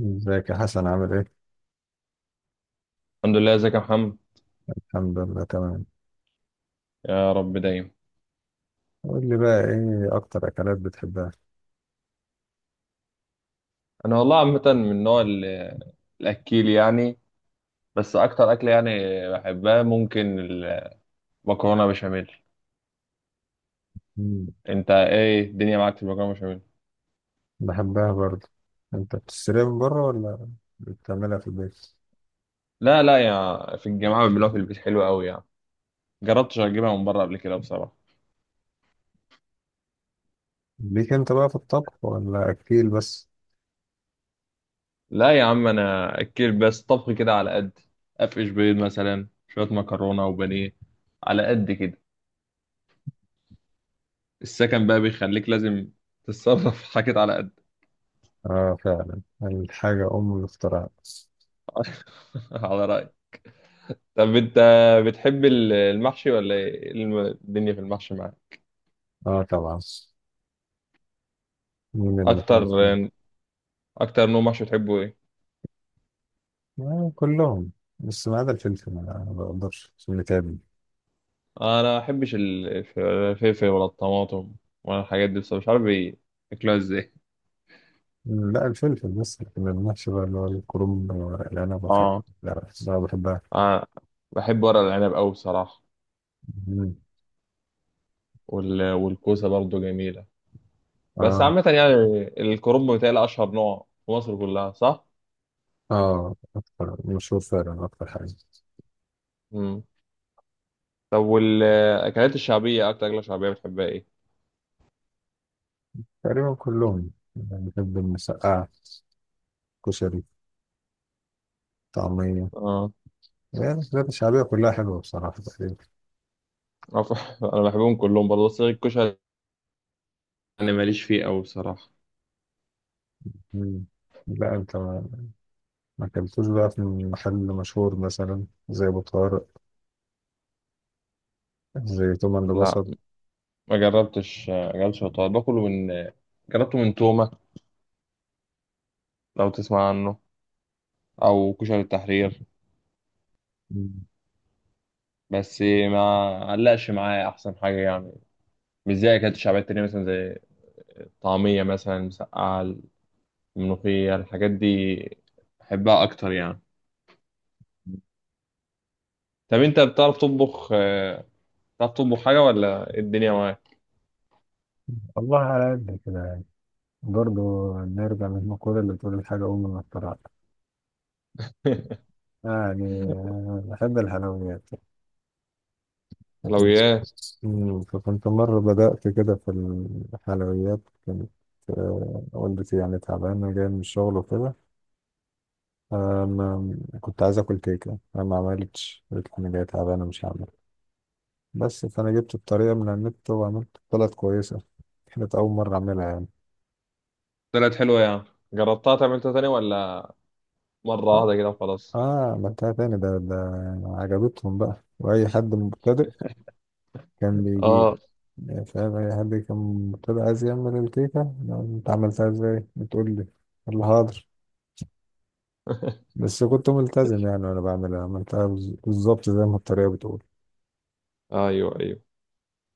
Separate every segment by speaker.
Speaker 1: ازيك يا حسن عامل ايه؟
Speaker 2: الحمد لله، ازيك يا محمد؟
Speaker 1: الحمد لله تمام.
Speaker 2: يا رب دايما.
Speaker 1: قول لي بقى ايه اكتر اكلات بتحبها؟
Speaker 2: انا والله عامه من نوع الاكيل يعني. بس اكتر اكل يعني بحبها، ممكن المكرونه بشاميل.
Speaker 1: مم.
Speaker 2: انت ايه الدنيا معاك في المكرونه بشاميل؟
Speaker 1: بحبها برضه. انت بتشتريها من بره ولا بتعملها في البيت؟
Speaker 2: لا لا، يا في الجامعه بيعملوها في البيت حلوه قوي يعني. جربتش اجيبها من بره قبل كده بصراحه.
Speaker 1: ليك انت بقى في الطبخ ولا اكيل بس؟
Speaker 2: لا يا عم، انا اكيل بس، طبخ كده على قد. افقش بيض مثلا، شويه مكرونه وبانيه، على قد كده. السكن بقى بيخليك لازم تتصرف حاجات على قد.
Speaker 1: اه فعلا، الحاجة ام الاختراع.
Speaker 2: على رأيي. طب انت بتحب المحشي، ولا ايه الدنيا في المحشي معاك؟
Speaker 1: اه طبعا، مين اللي ما
Speaker 2: اكتر
Speaker 1: بحبش مين؟
Speaker 2: اكتر نوع محشي بتحبه ايه؟
Speaker 1: آه كلهم بس ما عدا الفلفل، ما بقدرش عشان متعبني.
Speaker 2: انا ما بحبش الفلفل ولا الطماطم ولا الحاجات دي، بس مش عارف بياكلوها ازاي.
Speaker 1: لا الفلفل بس، لكن المحشي بقى اللي هو الكرنب والعنب والحاجات،
Speaker 2: اه.
Speaker 1: لا لا بحبها.
Speaker 2: انا بحب ورق العنب قوي بصراحه.
Speaker 1: مم.
Speaker 2: والكوسه برضو جميله. بس
Speaker 1: اه.
Speaker 2: عامه يعني الكرنب بتاعي اشهر نوع في مصر كلها، صح؟
Speaker 1: اه اكتر مشهور فعلا، اكتر حاجه.
Speaker 2: امم. طب والاكلات الشعبيه، اكتر اكله شعبيه بتحبها ايه؟
Speaker 1: تقريبا كلهم يعني، بحب المسقعه، كشري، طعميه،
Speaker 2: اه.
Speaker 1: يعني الحاجات الشعبيه كلها حلوه بصراحه تقريبا.
Speaker 2: أنا بحبهم كلهم برضه، بس الكشري انا ماليش فيه قوي بصراحه.
Speaker 1: مم. لا انت ما اكلتوش بقى في محل مشهور مثلا زي ابو طارق، زي توم اند
Speaker 2: لا،
Speaker 1: بصل؟
Speaker 2: ما جربتش الطواجن، باكله من جربته من تومه لو تسمع عنه، او كشري التحرير.
Speaker 1: مم.
Speaker 2: بس ما علقش معايا احسن حاجه يعني، مش زي اكلت شعبيه تانية مثلا، زي الطعميه مثلا، المسقعه، الملوخيه، الحاجات دي بحبها اكتر يعني. طب انت بتعرف تطبخ، بتعرف تطبخ حاجه ولا إيه الدنيا معاك؟
Speaker 1: والله على قد كده يعني. برضه نرجع للمقولة اللي بتقول الحاجة أم ما اخترعتها. يعني بحب الحلويات. كنت،
Speaker 2: حلويات.
Speaker 1: فكنت مرة بدأت كده في الحلويات. كانت والدتي يعني تعبانة جاية من الشغل وكده. كنت عايز آكل كيكة، أنا ما عملتش، قلت أنا جاية تعبانة مش هعمل، بس فأنا جبت الطريقة من على النت وعملت، طلعت كويسة. كانت أول مرة أعملها يعني.
Speaker 2: طلعت حلوه يعني، جربتها تعملتها تاني ولا مره
Speaker 1: آه.
Speaker 2: واحده كده وخلاص؟
Speaker 1: عملتها تاني، ده عجبتهم بقى. وأي حد مبتدئ كان بيجيب،
Speaker 2: اه.
Speaker 1: يعني فاهم، أي حد كان مبتدئ عايز يعمل الكيكة، أنت عملتها إزاي؟ بتقول لي اللي حاضر. بس كنت ملتزم يعني وانا بعملها، عملتها بالظبط زي ما الطريقه بتقول.
Speaker 2: ايوه، ايوه.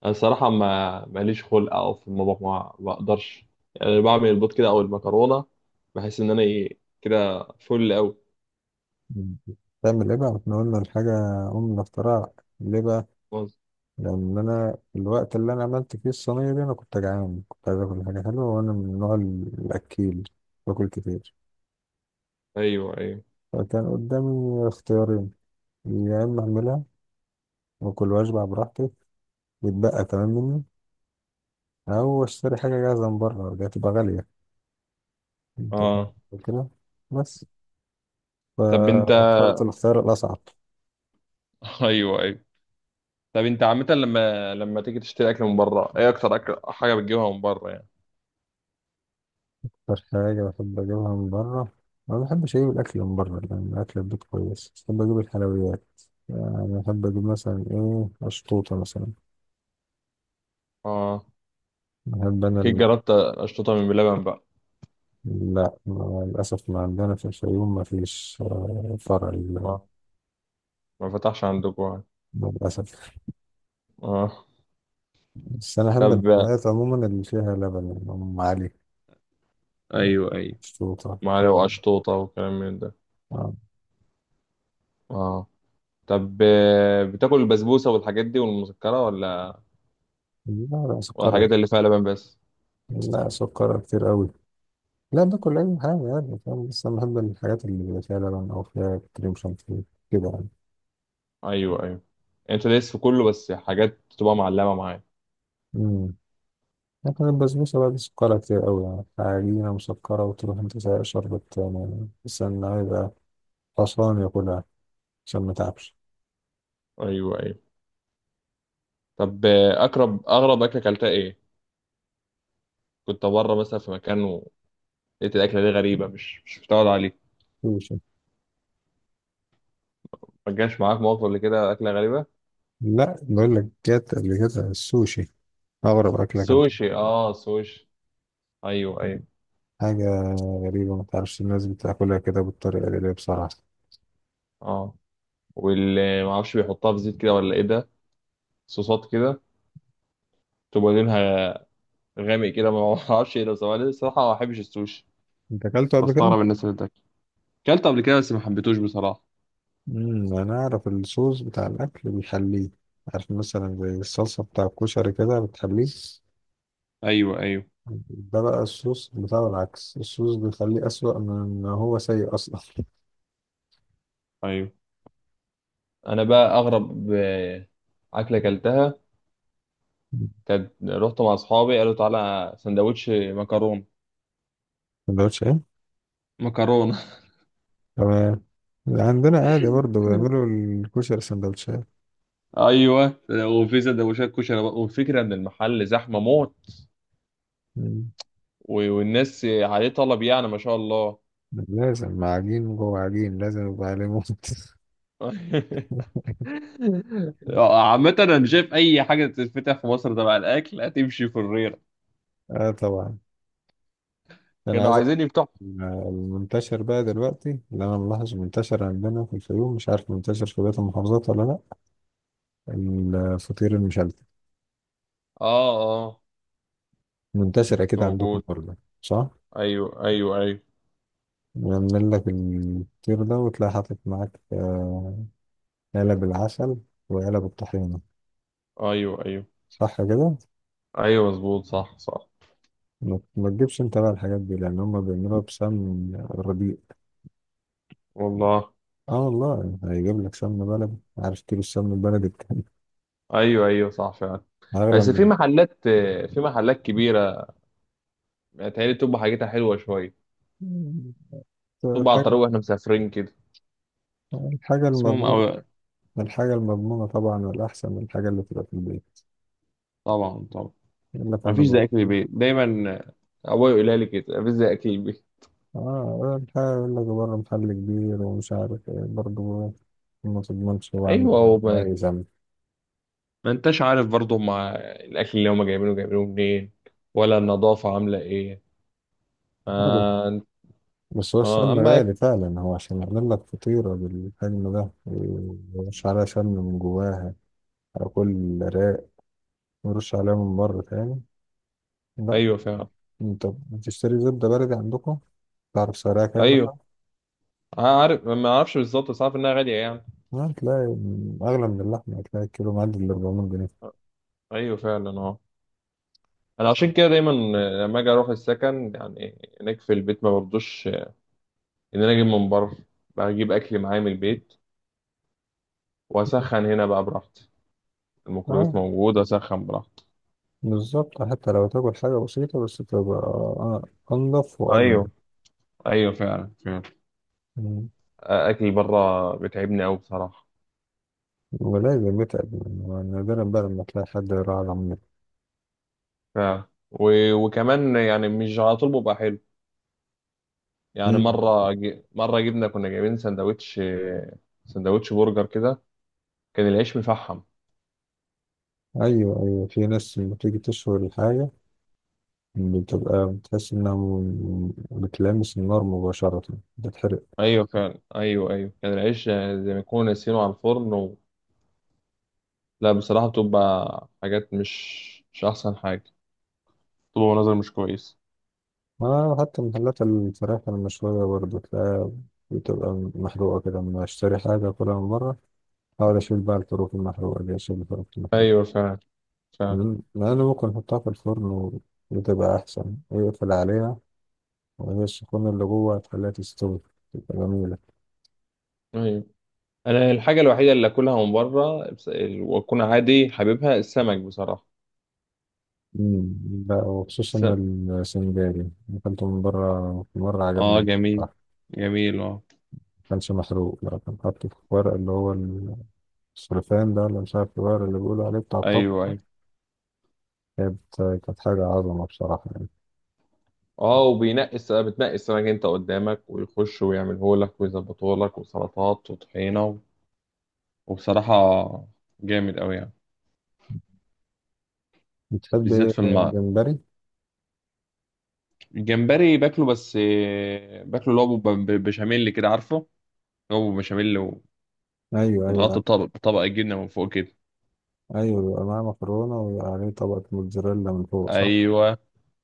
Speaker 2: انا الصراحه ما ماليش خلق او في المطبخ، ما بقدرش يعني، بعمل البيض كده او المكرونه، بحس ان انا ايه كده فل قوي.
Speaker 1: تعمل ايه بقى، احنا قلنا الحاجه ام الاختراع. ليه بقى؟ لان انا الوقت اللي انا عملت فيه الصينيه دي انا كنت جعان، كنت عايز اكل حاجه حلوه، وانا من النوع الاكيل، باكل كتير.
Speaker 2: ايوه، ايوه.
Speaker 1: فكان قدامي اختيارين، يا اما اعملها واكل واشبع براحتي ويتبقى كمان مني، او اشتري حاجه جاهزه من بره، دي هتبقى غاليه. انت
Speaker 2: اه.
Speaker 1: فاهم كده؟ بس
Speaker 2: طب انت
Speaker 1: فاخترت الاختيار الاصعب.
Speaker 2: ايوه، ايوه. طب انت عامه، لما تيجي تشتري اكل من بره، ايه اكتر اكل حاجه بتجيبها من بره يعني؟
Speaker 1: أكتر حاجة بحب أجيبها من بره، ما بحبش أجيب الأكل من بره لأن الأكل البيت كويس، بحب أجيب الحلويات يعني، بحب أجيب مثلا إيه، أشطوطة مثلا.
Speaker 2: اه،
Speaker 1: بحب أنا
Speaker 2: اكيد جربت اشطوطه من بلبن بقى.
Speaker 1: لا، للأسف ما عندنا في الفيوم، ما فيش فرع
Speaker 2: اه. ما فتحش عندكم يعني.
Speaker 1: للأسف.
Speaker 2: اه.
Speaker 1: بس أنا أحب
Speaker 2: طب.
Speaker 1: الحلويات عموما اللي فيها لبن، يعني أم علي،
Speaker 2: ايوه، ايوه.
Speaker 1: أشطوطة
Speaker 2: معلقه
Speaker 1: كده.
Speaker 2: واشطوطه وكلام من ده.
Speaker 1: آه.
Speaker 2: اه. طب، بتاكل البسبوسه والحاجات دي والمسكره ولا؟
Speaker 1: لا لا، سكرها،
Speaker 2: والحاجات اللي فيها لبن بس؟
Speaker 1: لا سكرها كتير أوي. لا، باكل أي حاجة يعني، فاهم؟ بس أنا بحب الحاجات اللي بيبقى فيها لبن أو فيها كريم شانتيه كده يعني.
Speaker 2: ايوه، ايوه. انت دايس في كله، بس حاجات تبقى معلمه معايا.
Speaker 1: امم. لكن البسبوسة بقى دي سكرها كتير قوي يعني، عجينة مسكرة وتروح انت سايق شربت يعني، بس انا هيبقى خسران ياكلها عشان ما تعبش.
Speaker 2: ايوه، ايوه. طب، اغرب اكله اكلتها ايه؟ كنت بره مثلا في مكان ولقيت الاكله دي غريبه، مش متعود عليه.
Speaker 1: سوشي.
Speaker 2: ما جاش معاك موقف قبل كده، اكله غريبه؟
Speaker 1: لا بقول لك، جت قبل كده السوشي، أغرب أكلة أكلتها.
Speaker 2: سوشي، اه، سوشي. ايوه، ايوه.
Speaker 1: حاجة غريبة، ما تعرفش الناس بتاكلها كده بالطريقة دي ليه بصراحة.
Speaker 2: اه. واللي ما اعرفش بيحطها في زيت كده ولا ايه ده، صوصات كده تبقى لونها غامق كده، ما اعرفش ايه ده بصراحه. أنا الصراحه ما بحبش السوشي،
Speaker 1: أنت أكلته قبل كده؟
Speaker 2: بستغرب الناس اللي بتاكل. اكلت قبل كده بس ما حبيتوش بصراحه.
Speaker 1: أنا أعرف الصوص بتاع الأكل بيحليه، عارف مثلا زي الصلصة بتاع الكشري كده بتحليه،
Speaker 2: ايوه، ايوه،
Speaker 1: ده بقى الصوص بتاع العكس، الصوص بيخليه أسوأ من إن هو سيء أصلا.
Speaker 2: ايوه. انا بقى اغرب اكله اكلتها كانت، رحت مع اصحابي قالوا تعالى سندوتش مكرونه.
Speaker 1: سندوتشات.
Speaker 2: مكرونه.
Speaker 1: تمام. عندنا عادي برضه بيعملوا الكشري سندوتشات.
Speaker 2: ايوه. وفي سندوتشات كشري بقى، والفكره ان المحل زحمه موت.
Speaker 1: مم.
Speaker 2: والناس عليه طلب يعني، ما شاء الله.
Speaker 1: لازم مع عجين جوه عجين لازم، يبقى عليه موت.
Speaker 2: عامة أنا شايف أي حاجة تتفتح في مصر تبع الأكل هتمشي في الريرة.
Speaker 1: اه طبعا. انا
Speaker 2: كانوا
Speaker 1: عايز أقول
Speaker 2: عايزين يفتحوا.
Speaker 1: المنتشر بقى دلوقتي اللي انا ملاحظ منتشر عندنا في الفيوم، مش عارف منتشر في بقية المحافظات ولا لا، الفطير المشلتت.
Speaker 2: آه، آه.
Speaker 1: منتشر اكيد عندكم
Speaker 2: موجود.
Speaker 1: برضه، صح؟
Speaker 2: أيوه، أيوه، أيوه.
Speaker 1: بيعمل لك الفطير ده وتلاقي حاطط معاك علب العسل وعلب الطحينة.
Speaker 2: أيوه، أيوه،
Speaker 1: صح كده؟
Speaker 2: أيوه، مظبوط، صح، صح.
Speaker 1: ما تجيبش انت بقى الحاجات دي لأن هما بيعملوها بسمن الربيع.
Speaker 2: والله.
Speaker 1: اه والله، هيجيب لك سمن بلدي. عارف كيلو السمن البلدي بكام؟
Speaker 2: ايوه، ايوه، صح فعلا. بس
Speaker 1: أغلى
Speaker 2: في محلات كبيره بتهيألي بتبقى حاجتها حلوه شويه.
Speaker 1: من
Speaker 2: بتبقى على الطريق
Speaker 1: الحاجة
Speaker 2: واحنا مسافرين كده.
Speaker 1: الحاجة
Speaker 2: اسمهم
Speaker 1: المضمونة الحاجة المضمونة طبعا، والأحسن من الحاجة اللي بتبقى في البيت،
Speaker 2: طبعا، طبعا.
Speaker 1: يقول لك
Speaker 2: ما
Speaker 1: أنا
Speaker 2: فيش زي اكل
Speaker 1: بقى.
Speaker 2: البيت دايما، ابويا يقولها لي كده، ما فيش زي اكل البيت.
Speaker 1: اه الحاجة يقول لك بره محل كبير ومش عارف ايه برضه، ما تضمنش هو عامل
Speaker 2: ايوه. هو
Speaker 1: إيه،
Speaker 2: ما...
Speaker 1: عايز عامل.
Speaker 2: ما انتش عارف برضه مع الاكل اللي هما جايبينه، جايبينه منين، ولا النظافه عامله ايه. آه.
Speaker 1: بس هو
Speaker 2: آه.
Speaker 1: السمن
Speaker 2: اما
Speaker 1: غالي فعلا، هو عشان يعمل لك فطيرة بالحجم ده ويرش عليها سمن من جواها أو كل رق ويرش عليها من بره تاني، لا.
Speaker 2: ايوه فعلا.
Speaker 1: انت بتشتري زبدة بلدي عندكم؟ تعرف سعرها كام
Speaker 2: ايوه
Speaker 1: مثلا؟
Speaker 2: عارف، ما اعرفش بالظبط، بس عارف انها غاليه يعني.
Speaker 1: لا هتلاقي أغلى من اللحمة، هتلاقي الكيلو معدي ال 400 جنيه.
Speaker 2: ايوه فعلا، اه. انا عشان كده دايما لما اجي اروح السكن يعني، هناك في البيت ما برضوش ان انا اجيب من بره، بجيب اكل معايا من البيت واسخن هنا بقى براحتي، الميكرويف
Speaker 1: اه
Speaker 2: موجود، اسخن براحتي.
Speaker 1: بالظبط، حتى لو تاكل حاجة بسيطة بس تبقى أنضف وأضمن.
Speaker 2: ايوه، ايوه، فعلا، فعلا.
Speaker 1: مم.
Speaker 2: اكل بره بتعبني قوي بصراحه.
Speaker 1: ولازم يتعب، نادرا بقى لما تلاقي حد يراعي العمال.
Speaker 2: فعلا. وكمان يعني مش على طول بيبقى حلو. يعني
Speaker 1: مم.
Speaker 2: مره جبنا كنا جايبين سندوتش، سندوتش برجر كده، كان العيش مفحم.
Speaker 1: ايوه ايوه، في ناس لما تيجي تشوي الحاجه بتبقى بتحس إنها بتلامس النار مباشرة، بتتحرق.
Speaker 2: ايوه فعلا، ايوه، ايوه، كان العيش زي ما يكونوا ناسينه على الفرن. لا بصراحة، بتبقى حاجات مش أحسن حاجة، بتبقى مناظر مش كويس.
Speaker 1: آه، حتى محلات الفراخ المشوية برضه تلاقيها بتبقى محروقة كده. لما أشتري حاجة كلها من بره أحاول أشيل بقى الفروخ المحروقة، دي أشيل الفروخ المحروقة
Speaker 2: أيوة فعلا، فعلا.
Speaker 1: لأن ممكن أحطها في الفرن وبتبقى أحسن، ويقفل عليها وهي السخونة اللي جوه هتخليها تستوي، تبقى جميلة.
Speaker 2: أيوة، أنا الحاجة الوحيدة اللي أكلها من بره وأكون عادي حبيبها السمك بصراحة.
Speaker 1: مم. لا، وخصوصا
Speaker 2: السمك.
Speaker 1: السنجاري، أكلته من بره مرة
Speaker 2: اه،
Speaker 1: عجبني.
Speaker 2: جميل، جميل، اه.
Speaker 1: كانش محروق، لا كان حاطه في ورق اللي هو السلوفان ده، اللي مش عارف الورق اللي بيقولوا عليه بتاع الطبخ.
Speaker 2: ايوه، ايوه،
Speaker 1: كانت كانت حاجة عظمة بصراحة يعني.
Speaker 2: اه. بتنقي السمك انت قدامك، ويخش ويعمله لك ويظبطه لك، وسلطات وطحينة وبصراحة جامد أوي يعني.
Speaker 1: بتحب
Speaker 2: بالذات
Speaker 1: إيه،
Speaker 2: في الماء.
Speaker 1: الجمبري؟
Speaker 2: الجمبري باكله، بس باكله اللي هو بشاميل كده، عارفه؟ هو بشاميل.
Speaker 1: أيوه أيوه
Speaker 2: ومتغطى
Speaker 1: عارف.
Speaker 2: بطبقة جبنة من فوق كده.
Speaker 1: أيوه بيبقى معاه مكرونة ويبقى عليه طبقة موتزاريلا من فوق، صح؟
Speaker 2: أيوه،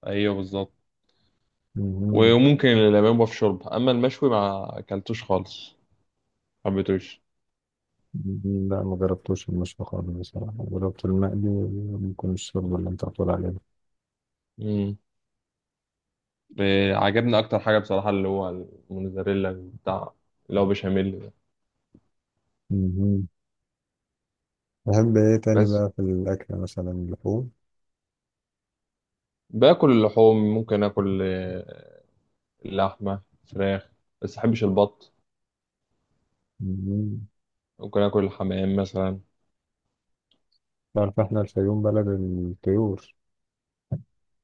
Speaker 2: أيوه، بالظبط.
Speaker 1: مهم.
Speaker 2: وممكن اليابان بقى في شرب، أما المشوي ما أكلتوش خالص، ما حبيتوش.
Speaker 1: لا ما جربتوش المشوي خالص بصراحة، جربت المقلي وممكن الشرب اللي أنت بتقول عليه ده.
Speaker 2: مم. عجبني أكتر حاجة بصراحة اللي هو الموزاريلا بتاع، اللي هو بشاميل ده.
Speaker 1: مهم. تحب إيه تاني
Speaker 2: بس
Speaker 1: بقى في الأكل، مثلا اللحوم؟
Speaker 2: باكل اللحوم، ممكن آكل، اللحمة، فراخ، بس مبحبش البط.
Speaker 1: مهم.
Speaker 2: ممكن آكل الحمام مثلا.
Speaker 1: تعرف إحنا الفيوم بلد الطيور،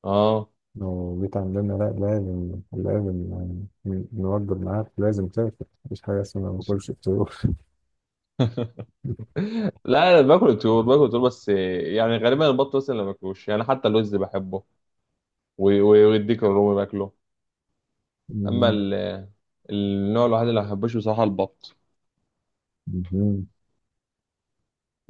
Speaker 2: اه.
Speaker 1: لو جيت عندنا لا لازم لازم يعني، نوجب معاك، لازم تاكل، مفيش حاجة اسمها ما باكلش فطور.
Speaker 2: لا، انا باكل الطيور، باكل الطيور، بس يعني غالبا البط مثلا ما باكلوش يعني، حتى اللوز بحبه، ويديك الرومي باكله. اما
Speaker 1: مهم.
Speaker 2: النوع الوحيد اللي ما بحبوش بصراحه البط.
Speaker 1: مهم.